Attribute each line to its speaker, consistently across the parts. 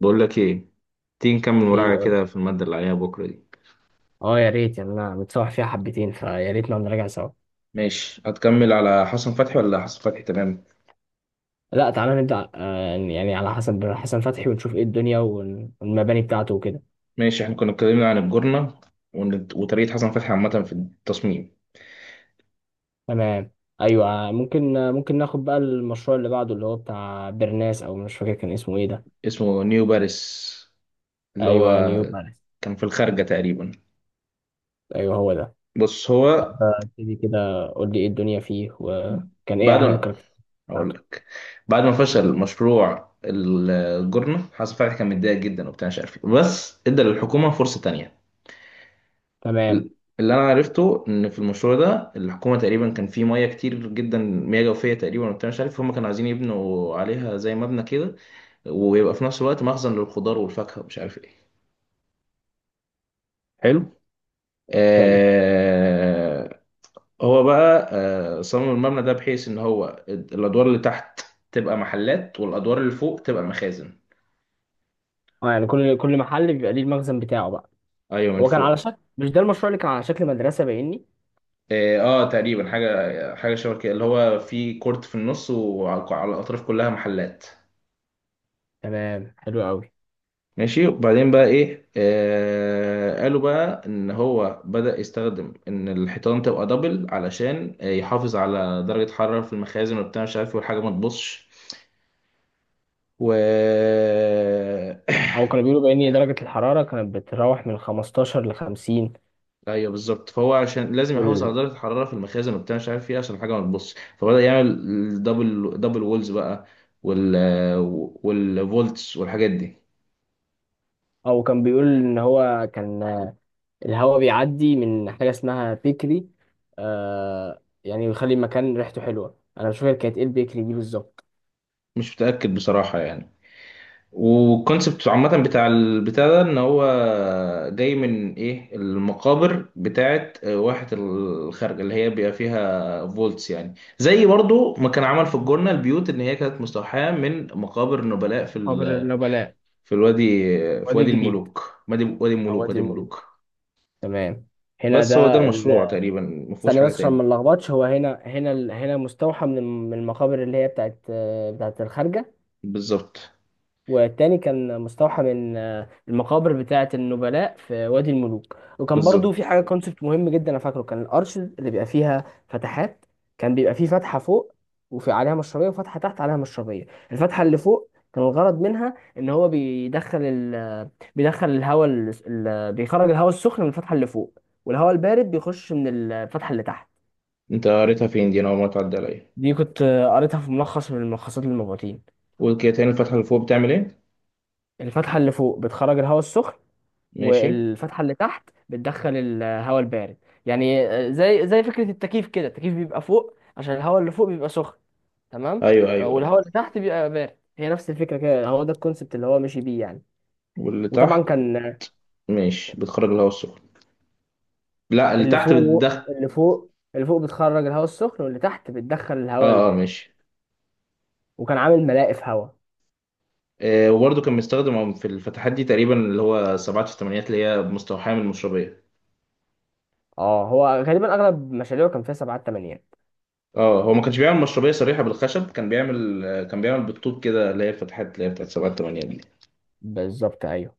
Speaker 1: بقول لك ايه، تيجي نكمل
Speaker 2: ايه؟
Speaker 1: مراجعة
Speaker 2: قول.
Speaker 1: كده في المادة اللي عليها بكرة دي.
Speaker 2: اه يا ريت، يعني انا متصوح فيها حبتين، فيا ريت نقعد نراجع سوا.
Speaker 1: ماشي، هتكمل على حسن فتحي ولا حسن فتحي؟ تمام،
Speaker 2: لا، تعالى نبدأ، يعني على حسب حسن فتحي، ونشوف ايه الدنيا والمباني بتاعته وكده.
Speaker 1: ماشي، احنا كنا اتكلمنا عن الجورنة وطريقة حسن فتحي عامة في التصميم.
Speaker 2: تمام. ايوه، ممكن ناخد بقى المشروع اللي بعده، اللي هو بتاع برناس، او مش فاكر كان اسمه ايه ده.
Speaker 1: اسمه نيو باريس، اللي
Speaker 2: ايوه،
Speaker 1: هو
Speaker 2: نيوب، معلش.
Speaker 1: كان في الخارجة تقريبا.
Speaker 2: ايوه، هو ده.
Speaker 1: بص هو
Speaker 2: ابتدي كده، قول لي ايه الدنيا فيه وكان
Speaker 1: بعد
Speaker 2: ايه اهم
Speaker 1: ما
Speaker 2: الكاركتر
Speaker 1: أقول
Speaker 2: بتاعته.
Speaker 1: لك بعد ما فشل مشروع الجورنة حسن فتحي كان متضايق جدا وبتاع مش عارف إيه. بس ادى للحكومة فرصة تانية.
Speaker 2: تمام،
Speaker 1: اللي انا عرفته ان في المشروع ده الحكومه تقريبا كان فيه مياه كتير جدا، مياه جوفيه تقريبا، وبتاع مش عارف هم كانوا عايزين يبنوا عليها زي مبنى كده، ويبقى في نفس الوقت مخزن للخضار والفاكهه ومش عارف ايه. حلو
Speaker 2: حلو.
Speaker 1: آه هو بقى صمم المبنى ده بحيث ان هو الادوار اللي تحت تبقى محلات والادوار اللي فوق تبقى مخازن.
Speaker 2: اه يعني كل محل بيبقى ليه المخزن بتاعه بقى؟
Speaker 1: ايوه، من
Speaker 2: هو كان على
Speaker 1: فوق.
Speaker 2: شكل، مش ده المشروع اللي كان على شكل مدرسة باينني؟
Speaker 1: اه، تقريبا حاجه شبه كده، اللي هو في كورت في النص وعلى الاطراف كلها محلات.
Speaker 2: تمام، حلو قوي.
Speaker 1: ماشي، وبعدين بقى ايه، قالوا بقى ان هو بدأ يستخدم ان الحيطان تبقى دبل، علشان يحافظ على درجة حرارة في المخازن وبتاع مش عارف إيه، والحاجة ما تبصش. و
Speaker 2: او كانوا بيقولوا بان درجة الحرارة كانت بتتراوح من 15 ل 50.
Speaker 1: ايوه بالظبط، فهو عشان لازم يحافظ على
Speaker 2: وال...
Speaker 1: درجة الحرارة في المخازن وبتاع مش عارف ايه عشان الحاجة ما تبصش، فبدأ يعمل دبل وولز بقى. وال والفولتس والحاجات دي.
Speaker 2: او كان بيقول ان هو كان الهواء بيعدي من حاجة اسمها بيكري، يعني بيخلي المكان ريحته حلوة. انا مش فاكر كانت ايه البيكري دي بالظبط.
Speaker 1: مش متأكد بصراحة يعني. والكونسبت عامة بتاع البتاع ده ان هو جاي من ايه، المقابر بتاعت واحة الخارجة، اللي هي بيبقى فيها فولتس، يعني زي برضو ما كان عمل في الجنة البيوت، ان هي كانت مستوحاة من مقابر نبلاء
Speaker 2: قبر النبلاء.
Speaker 1: في الوادي، في
Speaker 2: وادي
Speaker 1: وادي
Speaker 2: الجديد.
Speaker 1: الملوك، وادي
Speaker 2: او
Speaker 1: الملوك،
Speaker 2: وادي
Speaker 1: وادي
Speaker 2: الملوك.
Speaker 1: الملوك.
Speaker 2: تمام. هنا
Speaker 1: بس هو ده
Speaker 2: ده
Speaker 1: المشروع تقريبا، ما فيهوش
Speaker 2: ثانية
Speaker 1: حاجة
Speaker 2: بس عشان ما
Speaker 1: تاني.
Speaker 2: نلخبطش، هو هنا هنا مستوحى من من المقابر اللي هي بتاعت الخارجة.
Speaker 1: بالظبط.
Speaker 2: والتاني كان مستوحى من المقابر بتاعة النبلاء في وادي الملوك. وكان برضو
Speaker 1: بالظبط.
Speaker 2: في حاجة كونسبت مهم جدا، أنا فاكره كان الأرش اللي بيبقى فيها فتحات. كان بيبقى فيه فتحة فوق وفي عليها مشربية، وفتحة تحت عليها مشربية. الفتحة اللي فوق كان الغرض منها إن هو بيدخل الهواء بيخرج الهواء السخن من الفتحة اللي فوق، والهواء البارد بيخش من الفتحة اللي تحت.
Speaker 1: انت قريتها فين دي؟ انا اول مرة تعدي عليا.
Speaker 2: دي كنت قريتها في ملخص من الملخصات للمبعوثين.
Speaker 1: قول كده تاني، الفتحة اللي فوق بتعمل ايه؟
Speaker 2: الفتحة اللي فوق بتخرج الهواء السخن،
Speaker 1: ماشي.
Speaker 2: والفتحه اللي تحت بتدخل الهواء البارد. يعني زي فكره التكييف كده. التكييف بيبقى فوق عشان الهواء اللي فوق بيبقى سخن. تمام.
Speaker 1: ايوه ايوه ايوه.
Speaker 2: والهواء اللي تحت بيبقى بارد. هي نفس الفكره كده، هو ده الكونسبت اللي هو ماشي بيه يعني.
Speaker 1: واللي
Speaker 2: وطبعا
Speaker 1: تحت
Speaker 2: كان
Speaker 1: ماشي، بتخرج الهواء السخن؟ لا، اللي
Speaker 2: اللي
Speaker 1: تحت
Speaker 2: فوق
Speaker 1: بتدخل.
Speaker 2: اللي فوق بتخرج الهواء السخن، واللي تحت بتدخل الهواء
Speaker 1: اه اه
Speaker 2: البارد.
Speaker 1: ماشي.
Speaker 2: وكان عامل ملاقف هواء.
Speaker 1: وبرضه كان مستخدم في الفتحات دي تقريبا، اللي هو سبعات في الثمانينات، اللي هي مستوحاة من المشربية.
Speaker 2: اه، هو غالبا اغلب مشاريعه كان فيها سبعات تمانيات.
Speaker 1: اه، هو ما كانش بيعمل مشربية صريحة بالخشب، كان بيعمل، كان بيعمل بالطوب كده، اللي هي الفتحات اللي هي بتاعت سبعات الثمانينات دي.
Speaker 2: بالظبط، ايوه.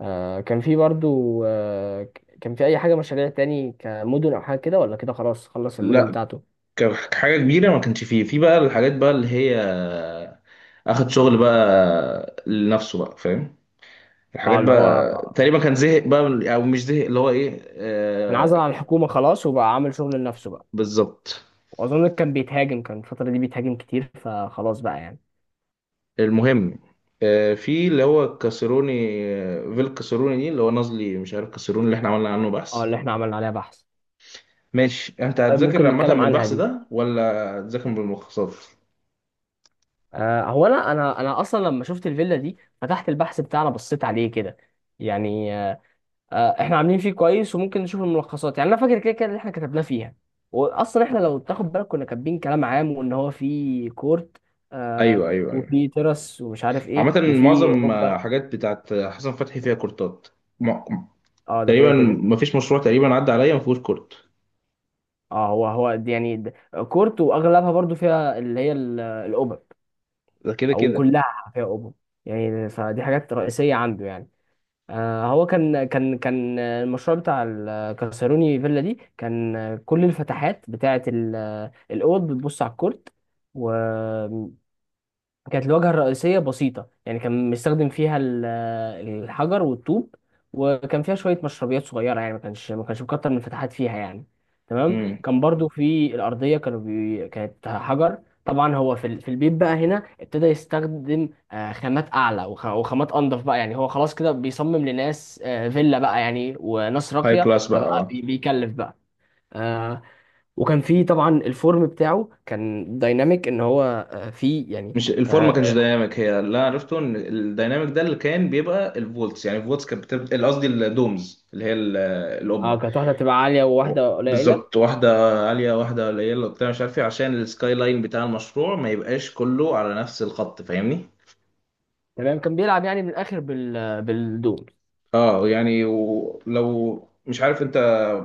Speaker 2: كان في برضو كان في اي حاجه مشاريع تاني كمدن او حاجه كده، ولا كده خلاص خلص المدن
Speaker 1: لا،
Speaker 2: بتاعته؟
Speaker 1: كحاجة كبيرة ما كانش فيه، في بقى الحاجات بقى اللي هي اخد شغل بقى لنفسه بقى، فاهم،
Speaker 2: اه،
Speaker 1: الحاجات
Speaker 2: اللي هو
Speaker 1: بقى. تقريبا كان زهق بقى او مش زهق، اللي هو ايه،
Speaker 2: انعزل عن الحكومه خلاص وبقى عامل شغل لنفسه بقى.
Speaker 1: بالظبط.
Speaker 2: واظن كان الفتره دي بيتهاجم كتير، فخلاص بقى يعني.
Speaker 1: المهم، في اللي هو كاسروني، فيل كاسروني دي، اللي هو نازلي مش عارف، كاسروني اللي احنا عملنا عنه
Speaker 2: اه،
Speaker 1: بحث.
Speaker 2: اللي احنا عملنا عليها بحث.
Speaker 1: ماشي، انت
Speaker 2: طيب،
Speaker 1: هتذاكر
Speaker 2: ممكن
Speaker 1: عامة
Speaker 2: نتكلم
Speaker 1: من
Speaker 2: عنها
Speaker 1: البحث
Speaker 2: دي.
Speaker 1: ده ولا هتذاكر بالملخصات؟
Speaker 2: هو انا اصلا لما شفت الفيلا دي، فتحت البحث بتاعنا بصيت عليه كده، يعني. احنا عاملين فيه كويس وممكن نشوف الملخصات، يعني انا فاكر كده كده اللي احنا كتبناه فيها. واصلا احنا لو تاخد بالك كنا كاتبين كلام عام وان هو في كورت. آه
Speaker 1: ايوه ايوه ايوه.
Speaker 2: وفي ترس ومش عارف ايه
Speaker 1: عامة
Speaker 2: وفي
Speaker 1: معظم
Speaker 2: قبه.
Speaker 1: حاجات بتاعت حسن فتحي فيها كورتات. م-
Speaker 2: اه، ده كده
Speaker 1: تقريبا
Speaker 2: كده.
Speaker 1: مفيش مشروع تقريبا عدى عليا مفيهوش كورت.
Speaker 2: اه، هو دي يعني ده كورت، واغلبها برضو فيها اللي هي القبب.
Speaker 1: ده كده
Speaker 2: او
Speaker 1: كده.
Speaker 2: كلها فيها قبب، يعني فدي حاجات رئيسيه عنده يعني. هو كان المشروع بتاع الكاسروني فيلا دي كان كل الفتحات بتاعة الأوض بتبص على الكورت. كانت الواجهة الرئيسية بسيطة، يعني كان مستخدم فيها الحجر والطوب. وكان فيها شوية مشربيات صغيرة، يعني ما كانش مكتر من الفتحات فيها يعني. تمام.
Speaker 1: امم،
Speaker 2: كان برضو في الأرضية كانوا كانت حجر. طبعا هو في في البيت بقى هنا ابتدى يستخدم خامات أعلى وخامات أنضف بقى، يعني هو خلاص كده بيصمم لناس فيلا بقى، يعني وناس
Speaker 1: هاي
Speaker 2: راقية،
Speaker 1: كلاس بقى
Speaker 2: فبقى بيكلف بقى. آه، وكان في طبعا الفورم بتاعه كان دايناميك ان هو فيه يعني.
Speaker 1: مش الفورم ما
Speaker 2: آه،
Speaker 1: كانش دايناميك، هي اللي انا عرفته ان الدايناميك ده اللي كان بيبقى الفولتس، يعني الفولتس كانت بتبقى، قصدي الدومز اللي هي
Speaker 2: اه،
Speaker 1: القبه.
Speaker 2: كانت واحده بتبقى عاليه وواحده قليله.
Speaker 1: بالظبط، واحدة عالية واحدة قليلة وبتاع مش عارف ايه، عشان السكاي لاين بتاع المشروع ما يبقاش كله على نفس الخط، فاهمني؟
Speaker 2: تمام، كان بيلعب يعني من الاخر بالدول.
Speaker 1: اه يعني، ولو مش عارف انت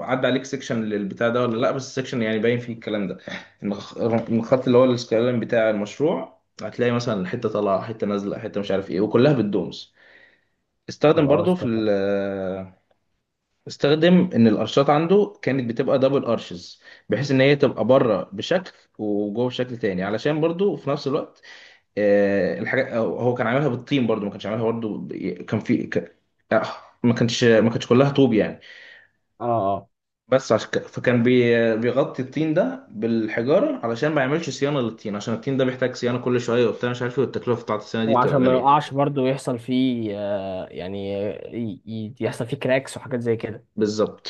Speaker 1: عدى عليك سيكشن للبتاع ده ولا لا، بس السيكشن يعني باين فيه الكلام ده، ان إن الخط اللي هو السكاي لاين بتاع المشروع هتلاقي مثلا حتة طالعة حتة نازلة حتة مش عارف ايه، وكلها بالدومز. استخدم برضو
Speaker 2: خلاص،
Speaker 1: في
Speaker 2: تمام.
Speaker 1: استخدم ان القرشات عنده كانت بتبقى دبل قرشز، بحيث ان هي تبقى بره بشكل وجوه بشكل تاني، علشان برضو في نفس الوقت الحاجه، هو كان عاملها بالطين برضو، ما كانش عاملها برضو كان في آه، ما كانش كلها طوب يعني،
Speaker 2: اه، اه،
Speaker 1: بس عشان فكان بيغطي الطين ده بالحجاره، علشان ما يعملش صيانه للطين، عشان الطين ده بيحتاج صيانه كل شويه وبتاع مش عارف ايه، والتكلفه بتاعت الصيانه دي
Speaker 2: هو
Speaker 1: بتبقى
Speaker 2: عشان ما
Speaker 1: غاليه.
Speaker 2: يقعش برضه يحصل فيه يعني يحصل فيه كراكس وحاجات زي كده.
Speaker 1: بالظبط.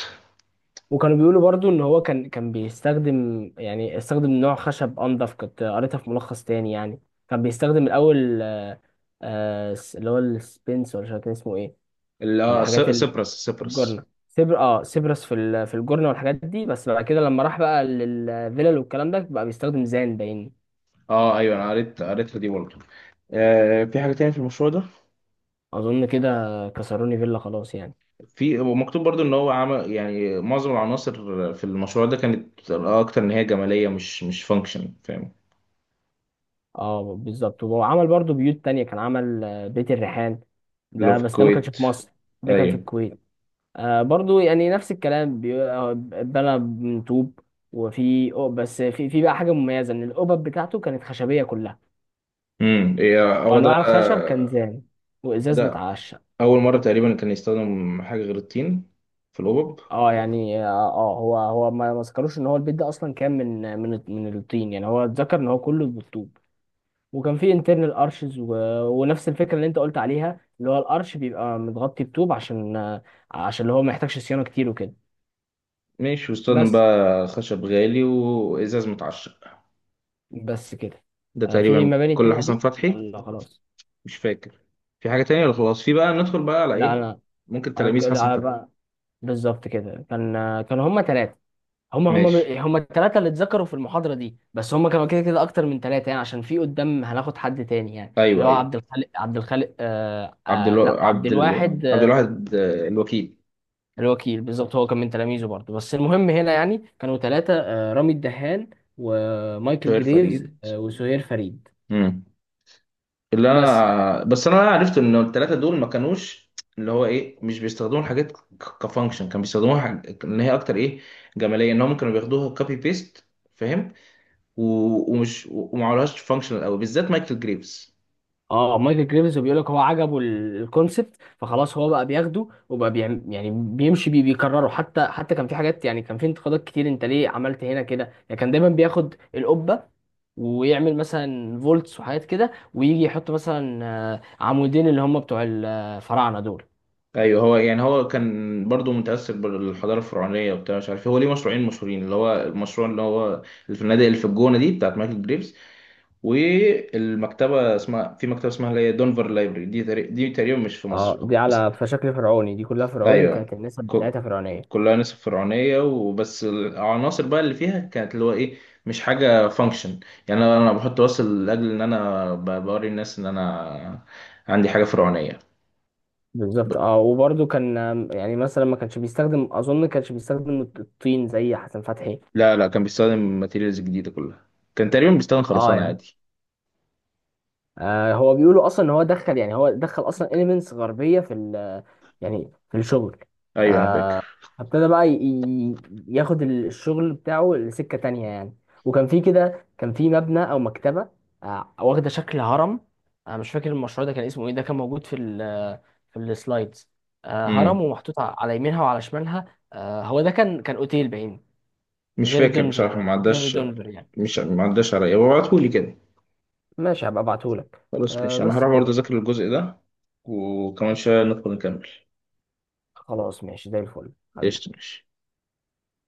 Speaker 2: وكانوا بيقولوا برضه ان هو كان بيستخدم، يعني استخدم نوع خشب انضف، كنت قريتها في ملخص تاني يعني. كان بيستخدم الاول اللي هو السبنس ولا مش عارف كان اسمه ايه.
Speaker 1: ال-
Speaker 2: كان
Speaker 1: اه س-
Speaker 2: الحاجات
Speaker 1: سيبرس سيبرس
Speaker 2: الجورنة سيبرس في في الجورنة والحاجات دي. بس بعد كده لما راح بقى للفيلل والكلام ده بقى بيستخدم زان باين.
Speaker 1: اه ايوه، انا قريت قريتها دي برضه. في حاجة تاني في المشروع ده؟
Speaker 2: اظن كده، كسروني فيلا خلاص يعني.
Speaker 1: في، ومكتوب برضو ان هو عمل يعني معظم العناصر في المشروع ده كانت اكتر ان هي جمالية، مش فانكشن، فاهم.
Speaker 2: اه، بالظبط. وعمل برضو بيوت تانية، كان عمل بيت الريحان.
Speaker 1: اللي هو
Speaker 2: ده
Speaker 1: في
Speaker 2: بس ده ما كانش
Speaker 1: الكويت.
Speaker 2: في مصر، ده كان في
Speaker 1: ايوه.
Speaker 2: الكويت. برضو يعني نفس الكلام بنى من طوب. بس في بقى حاجة مميزة ان القبب بتاعته كانت خشبية كلها.
Speaker 1: امم، هو ده.
Speaker 2: وانواع الخشب كان زان، وازاز
Speaker 1: ده
Speaker 2: متعشق.
Speaker 1: اول مرة تقريبا كان يستخدم حاجة غير الطين في الأوبب.
Speaker 2: اه، يعني هو ما ذكروش ان هو البيت ده اصلا كان من الطين، يعني هو اتذكر ان هو كله بالطوب. وكان فيه انترنال ارشز ونفس الفكره اللي انت قلت عليها، اللي هو الارش بيبقى متغطي بطوب عشان عشان اللي هو ما يحتاجش صيانه كتير وكده.
Speaker 1: ماشي، واستخدم
Speaker 2: بس
Speaker 1: بقى خشب غالي وإزاز متعشق.
Speaker 2: بس كده.
Speaker 1: ده
Speaker 2: في
Speaker 1: تقريبا
Speaker 2: مباني
Speaker 1: كل
Speaker 2: تانية
Speaker 1: حسن
Speaker 2: دي
Speaker 1: فتحي.
Speaker 2: ولا خلاص؟
Speaker 1: مش فاكر. في حاجة تانية ولا خلاص في بقى ندخل بقى على
Speaker 2: لا،
Speaker 1: ايه؟
Speaker 2: انا
Speaker 1: ممكن تلاميذ حسن
Speaker 2: على
Speaker 1: فتحي.
Speaker 2: بقى، بالظبط كده. كان هما ثلاثه. هم هم
Speaker 1: ماشي.
Speaker 2: هم الثلاثة اللي اتذكروا في المحاضرة دي. بس هم كانوا كده كده أكتر من ثلاثة، يعني عشان في قدام هناخد حد تاني، يعني اللي
Speaker 1: ايوه
Speaker 2: هو
Speaker 1: ايوه.
Speaker 2: عبد الخالق.
Speaker 1: عبد الو...
Speaker 2: لا، عبد
Speaker 1: عبد ال... إيه؟
Speaker 2: الواحد.
Speaker 1: عبد الواحد، الوكيل.
Speaker 2: الوكيل، بالظبط. هو كان من تلاميذه برضه، بس المهم هنا يعني كانوا ثلاثة، رامي الدهان، ومايكل
Speaker 1: شهير
Speaker 2: جريفز،
Speaker 1: فريد.
Speaker 2: وسهير فريد.
Speaker 1: امم. اللي
Speaker 2: بس
Speaker 1: انا بس انا عرفت ان الثلاثه دول ما كانوش اللي هو ايه، مش بيستخدموا الحاجات كفانكشن، كانوا بيستخدموها حاج، ان هي اكتر ايه، جماليه، ان هم كانوا بياخدوها كوبي بيست، فاهم. و... ومش وما عملوهاش فانكشنال قوي، بالذات مايكل جريفز.
Speaker 2: اه مايكل جريمز بيقول لك هو عجبه الكونسبت، فخلاص هو بقى بياخده وبقى بيعم، يعني بيمشي بيه بيكرره. حتى كان في حاجات، يعني كان في انتقادات كتير انت ليه عملت هنا كده، يعني كان دايما بياخد القبه ويعمل مثلا فولتس وحاجات كده، ويجي يحط مثلا عمودين اللي هم بتوع الفراعنه دول.
Speaker 1: ايوه، هو يعني هو كان برضو متاثر بالحضاره الفرعونيه وبتاع مش عارف إيه، هو ليه مشروعين مشهورين، اللي هو المشروع اللي هو اللي في النادي اللي في الجونه دي بتاعت مايكل جريفز، والمكتبه اسمها، في مكتبه اسمها اللي هي دونفر لايبرري دي، دي تقريبا مش في مصر.
Speaker 2: اه، دي
Speaker 1: بس
Speaker 2: على فشكل فرعوني، دي كلها فرعوني
Speaker 1: ايوه،
Speaker 2: وكانت النسب
Speaker 1: ك-
Speaker 2: بتاعتها فرعونيه.
Speaker 1: كلها نسب فرعونيه، وبس العناصر بقى اللي فيها كانت اللي هو ايه، مش حاجه فانكشن، يعني انا، بحط وصل لاجل ان انا بوري الناس ان انا عندي حاجه فرعونيه. ب-
Speaker 2: بالظبط. اه، وبرده كان يعني مثلا ما كانش بيستخدم اظن ما كانش بيستخدم الطين زي حسن فتحي.
Speaker 1: لا لا، كان بيستخدم ماتيريالز جديده كلها، كان تقريبا بيستخدم
Speaker 2: اه،
Speaker 1: خرسانه
Speaker 2: يعني
Speaker 1: عادي.
Speaker 2: هو بيقولوا اصلا ان هو دخل، يعني هو دخل اصلا اليمنتس غربيه في ال يعني في الشغل. ف-
Speaker 1: ايوه انا فاكر.
Speaker 2: فابتدى بقى ي- ياخد الشغل بتاعه لسكه تانية يعني. وكان في كده، كان في مبنى او مكتبه، واخده شكل هرم. انا مش فاكر المشروع ده كان اسمه ايه، ده كان موجود في ال في السلايدز. هرم
Speaker 1: امم.
Speaker 2: ومحطوط على يمينها وعلى شمالها. هو ده كان اوتيل باين.
Speaker 1: مش
Speaker 2: غير
Speaker 1: فاكر بصراحه،
Speaker 2: دنفر،
Speaker 1: ما
Speaker 2: غير
Speaker 1: عداش،
Speaker 2: دنفر يعني.
Speaker 1: مش ما عداش عليا، هو ابعتهولي كده.
Speaker 2: ماشي، هبقى ابعتهولك.
Speaker 1: خلاص ماشي، انا
Speaker 2: بس
Speaker 1: هروح برضه
Speaker 2: كده.
Speaker 1: اذاكر الجزء ده، وكمان شويه ندخل نكمل.
Speaker 2: خلاص ماشي، زي الفل حبيبي.
Speaker 1: قشطة، ماشي.